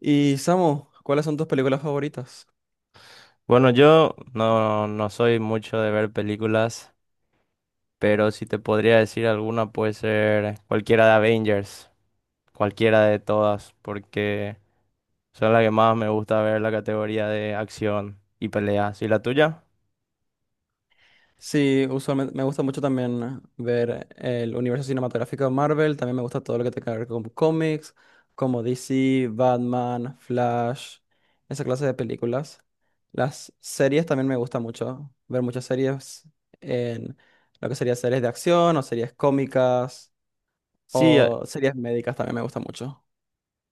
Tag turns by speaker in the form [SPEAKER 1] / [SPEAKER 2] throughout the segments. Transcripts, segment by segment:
[SPEAKER 1] Y Samu, ¿cuáles son tus películas favoritas?
[SPEAKER 2] Bueno, yo no soy mucho de ver películas, pero si te podría decir alguna puede ser cualquiera de Avengers, cualquiera de todas, porque son las que más me gusta ver la categoría de acción y peleas. ¿Y la tuya?
[SPEAKER 1] Sí, usualmente me gusta mucho también ver el universo cinematográfico de Marvel, también me gusta todo lo que tenga que ver con cómics, como DC, Batman, Flash, esa clase de películas. Las series también me gusta mucho, ver muchas series en lo que sería series de acción o series cómicas
[SPEAKER 2] Sí,
[SPEAKER 1] o series médicas también me gusta mucho.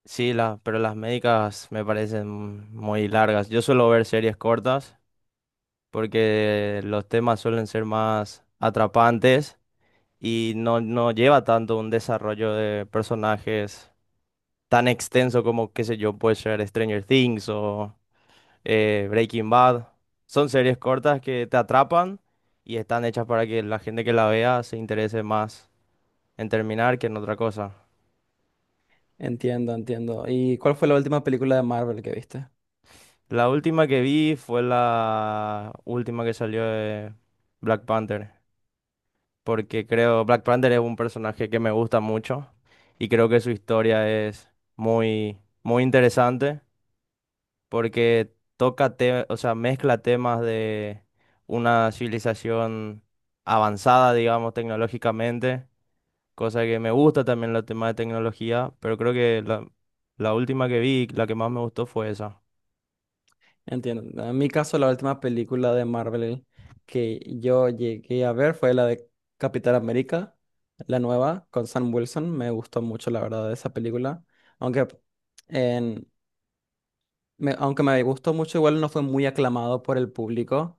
[SPEAKER 2] sí, pero las médicas me parecen muy largas. Yo suelo ver series cortas porque los temas suelen ser más atrapantes y no lleva tanto un desarrollo de personajes tan extenso como, qué sé yo, puede ser Stranger Things o Breaking Bad. Son series cortas que te atrapan y están hechas para que la gente que la vea se interese más en terminar que en otra cosa.
[SPEAKER 1] Entiendo, entiendo. ¿Y cuál fue la última película de Marvel que viste?
[SPEAKER 2] La última que vi fue la última que salió de Black Panther, porque creo Black Panther es un personaje que me gusta mucho y creo que su historia es muy, muy interesante. Porque o sea, mezcla temas de una civilización avanzada, digamos, tecnológicamente, cosa que me gusta también los temas de tecnología, pero creo que la última que vi, la que más me gustó fue esa.
[SPEAKER 1] Entiendo. En mi caso, la última película de Marvel que yo llegué a ver fue la de Capitán América, la nueva, con Sam Wilson. Me gustó mucho, la verdad, esa película. Aunque en, aunque me gustó mucho, igual no fue muy aclamado por el público,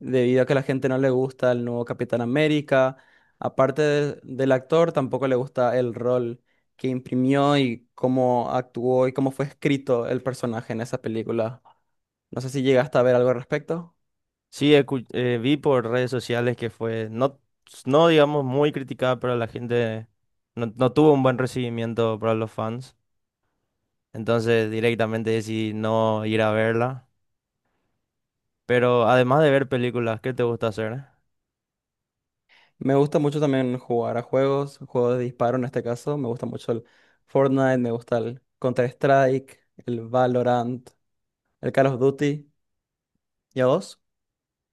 [SPEAKER 1] debido a que a la gente no le gusta el nuevo Capitán América. Del actor, tampoco le gusta el rol que imprimió y cómo actuó y cómo fue escrito el personaje en esa película. No sé si llegaste a ver algo al respecto.
[SPEAKER 2] Sí, vi por redes sociales que fue, no, no digamos, muy criticada, pero la gente no tuvo un buen recibimiento para los fans. Entonces directamente decidí no ir a verla. Pero además de ver películas, ¿qué te gusta hacer?
[SPEAKER 1] Me gusta mucho también jugar a juegos, juegos de disparo en este caso. Me gusta mucho el Fortnite, me gusta el Counter-Strike, el Valorant, el Call of Duty. ¿Y a vos?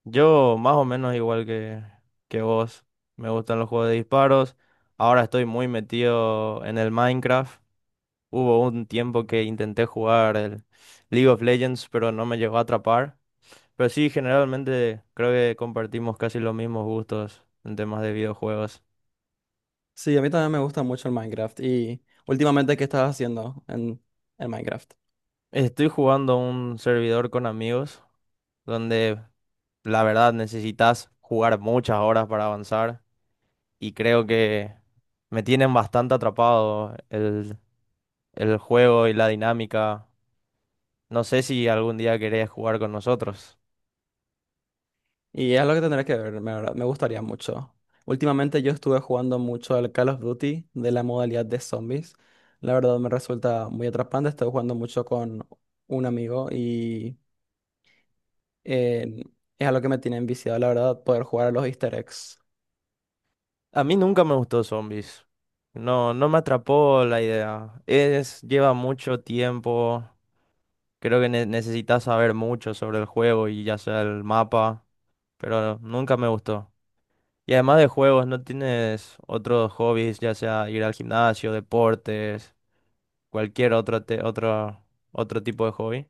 [SPEAKER 2] Yo más o menos igual que vos, me gustan los juegos de disparos. Ahora estoy muy metido en el Minecraft. Hubo un tiempo que intenté jugar el League of Legends, pero no me llegó a atrapar. Pero sí, generalmente creo que compartimos casi los mismos gustos en temas de videojuegos.
[SPEAKER 1] Sí, a mí también me gusta mucho el Minecraft. Y últimamente, ¿qué estás haciendo en el Minecraft?
[SPEAKER 2] Estoy jugando un servidor con amigos, donde la verdad necesitas jugar muchas horas para avanzar y creo que me tienen bastante atrapado el juego y la dinámica. No sé si algún día querés jugar con nosotros.
[SPEAKER 1] Y es lo que tendré que ver, la. Me gustaría mucho. Últimamente yo estuve jugando mucho al Call of Duty de la modalidad de zombies. La verdad me resulta muy atrapante. Estoy jugando mucho con un amigo y eh, es algo que me tiene enviciado, la verdad, poder jugar a los Easter eggs.
[SPEAKER 2] A mí nunca me gustó Zombies. No, no me atrapó la idea. Es, lleva mucho tiempo. Creo que necesitas saber mucho sobre el juego y ya sea el mapa, pero nunca me gustó. Y además de juegos, ¿no tienes otros hobbies, ya sea ir al gimnasio, deportes, cualquier otro, otro tipo de hobby?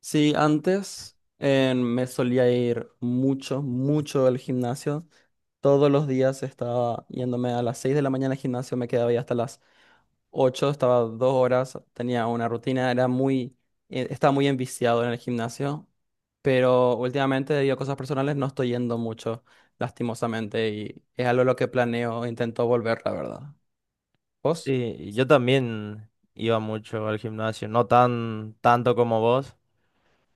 [SPEAKER 1] Sí, antes me solía ir mucho al gimnasio. Todos los días estaba yéndome a las 6 de la mañana al gimnasio, me quedaba ahí hasta las 8, estaba dos horas, tenía una rutina, era estaba muy enviciado en el gimnasio, pero últimamente debido a cosas personales no estoy yendo mucho, lastimosamente, y es algo a lo que planeo, e intento volver, la verdad. ¿Vos?
[SPEAKER 2] Sí, yo también iba mucho al gimnasio, no tanto como vos,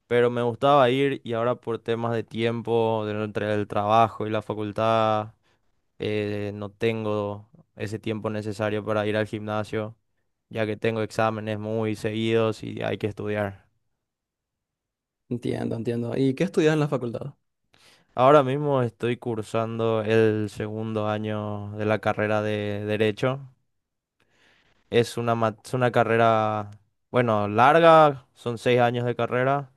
[SPEAKER 2] pero me gustaba ir y ahora por temas de tiempo, entre el trabajo y la facultad, no tengo ese tiempo necesario para ir al gimnasio, ya que tengo exámenes muy seguidos y hay que estudiar.
[SPEAKER 1] Entiendo, entiendo. ¿Y qué estudias en la facultad?
[SPEAKER 2] Ahora mismo estoy cursando el segundo año de la carrera de Derecho. Es es una carrera, bueno, larga, son 6 años de carrera,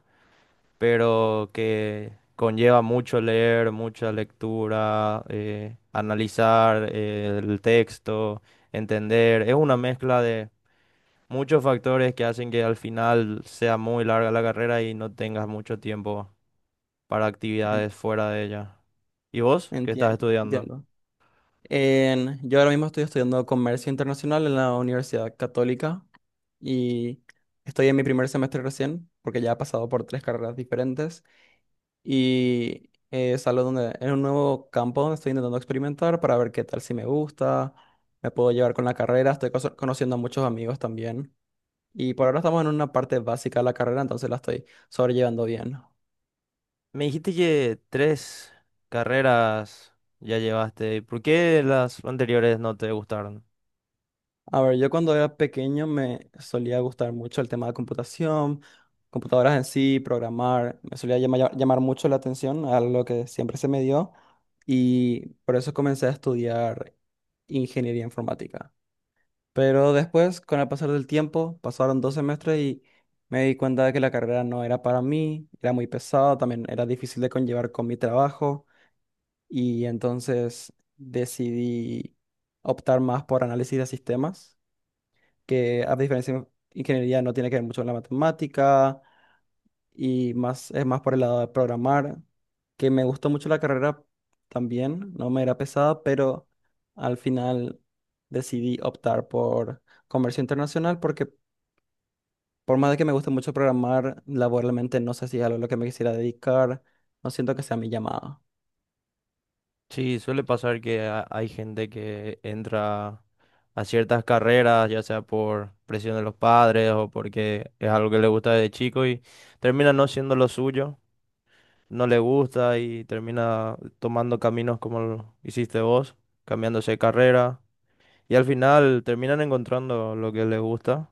[SPEAKER 2] pero que conlleva mucho leer, mucha lectura, analizar el texto, entender. Es una mezcla de muchos factores que hacen que al final sea muy larga la carrera y no tengas mucho tiempo para
[SPEAKER 1] En-
[SPEAKER 2] actividades fuera de ella. ¿Y vos qué estás
[SPEAKER 1] Entiendo,
[SPEAKER 2] estudiando?
[SPEAKER 1] entiendo. Yo ahora mismo estoy estudiando comercio internacional en la Universidad Católica y estoy en mi primer semestre recién, porque ya he pasado por tres carreras diferentes y es algo donde, es un nuevo campo donde estoy intentando experimentar para ver qué tal si me gusta, me puedo llevar con la carrera, estoy conociendo a muchos amigos también y por
[SPEAKER 2] Y
[SPEAKER 1] ahora estamos en una parte básica de la carrera, entonces la estoy sobrellevando bien.
[SPEAKER 2] me dijiste que tres carreras ya llevaste. ¿Por qué las anteriores no te gustaron?
[SPEAKER 1] A ver, yo cuando era pequeño me solía gustar mucho el tema de computación, computadoras en sí, programar, me solía llamar mucho la atención a lo que siempre se me dio y por eso comencé a estudiar ingeniería informática. Pero después, con el pasar del tiempo, pasaron dos semestres y me di cuenta de que la carrera no era para mí, era muy pesada, también era difícil de conllevar con mi trabajo y entonces decidí optar más por análisis de sistemas que a diferencia de ingeniería no tiene que ver mucho con la matemática y más, es más por el lado de programar, que me gustó mucho la carrera también, no me era pesada, pero al final decidí optar por comercio internacional porque por más de que me guste mucho programar, laboralmente no sé si es algo a lo que me quisiera dedicar, no siento que sea mi llamada.
[SPEAKER 2] Sí, suele pasar que hay gente que entra a ciertas carreras, ya sea por presión de los padres o porque es algo que le gusta desde chico y termina no siendo lo suyo, no le gusta y termina tomando caminos como lo hiciste vos, cambiándose de carrera y al final terminan encontrando lo que les gusta,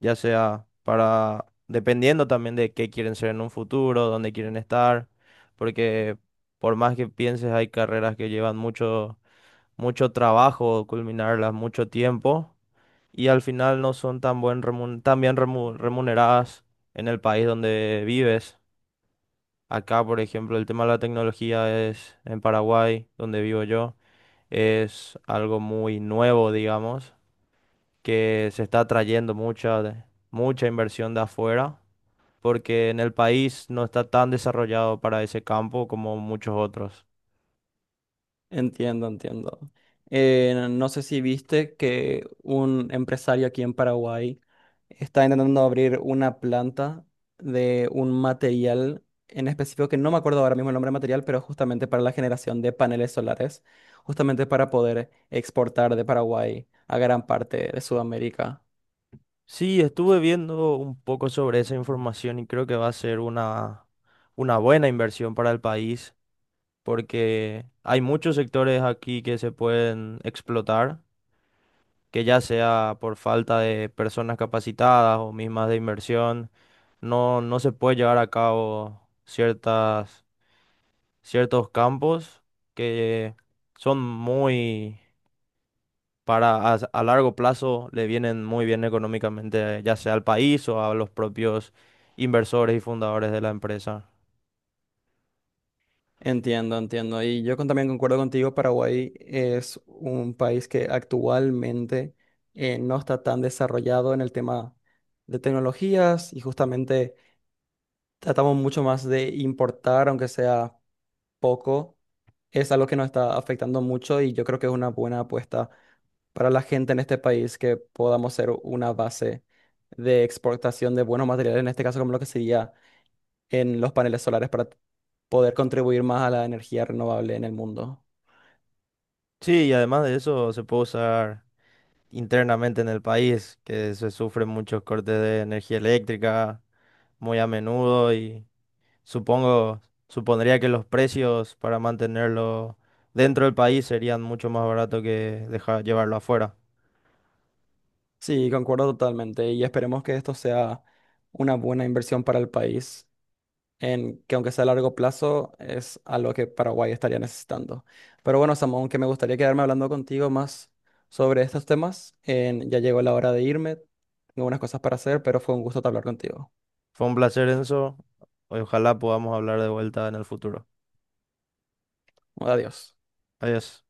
[SPEAKER 2] ya sea para, dependiendo también de qué quieren ser en un futuro, dónde quieren estar, porque por más que pienses hay carreras que llevan mucho mucho trabajo culminarlas, mucho tiempo y al final no son tan, tan bien remuneradas en el país donde vives. Acá, por ejemplo, el tema de la tecnología es en Paraguay, donde vivo yo, es algo muy nuevo, digamos, que se está trayendo mucha inversión de afuera, porque en el país no está tan desarrollado para ese campo como muchos otros.
[SPEAKER 1] Entiendo, entiendo. No sé si viste que un empresario aquí en Paraguay está intentando abrir una planta de un material en específico que no me acuerdo ahora mismo el nombre del material, pero justamente para la generación de paneles solares, justamente para poder exportar de Paraguay a gran parte de Sudamérica.
[SPEAKER 2] Sí, estuve viendo un poco sobre esa información y creo que va a ser una buena inversión para el país porque hay muchos sectores aquí que se pueden explotar, que ya sea por falta de personas capacitadas o mismas de inversión, no se puede llevar a cabo ciertos campos que son muy, para a largo plazo le vienen muy bien económicamente, ya sea al país o a los propios inversores y fundadores de la empresa.
[SPEAKER 1] Entiendo, entiendo. Y yo también concuerdo contigo, Paraguay es un país que actualmente no está tan desarrollado en el tema de tecnologías y justamente tratamos mucho más de importar, aunque sea poco. Es algo que nos está afectando mucho y yo creo que es una buena apuesta para la gente en este país que podamos ser una base de exportación de buenos materiales, en este caso como lo que sería en los paneles solares para poder contribuir más a la energía renovable en el mundo.
[SPEAKER 2] Sí, y además de eso se puede usar internamente en el país, que se sufren muchos cortes de energía eléctrica muy a menudo y supongo, supondría que los precios para mantenerlo dentro del país serían mucho más baratos que dejar llevarlo afuera.
[SPEAKER 1] Sí, concuerdo totalmente y esperemos que esto sea una buena inversión para el país, en que aunque sea a largo plazo, es algo que Paraguay estaría necesitando. Pero bueno, Samuel, aunque me gustaría quedarme hablando contigo más sobre estos temas, ya llegó la hora de irme, tengo unas cosas para hacer, pero fue un gusto hablar contigo.
[SPEAKER 2] Fue un placer, Enzo. Ojalá podamos hablar de vuelta en el futuro.
[SPEAKER 1] Adiós.
[SPEAKER 2] Adiós.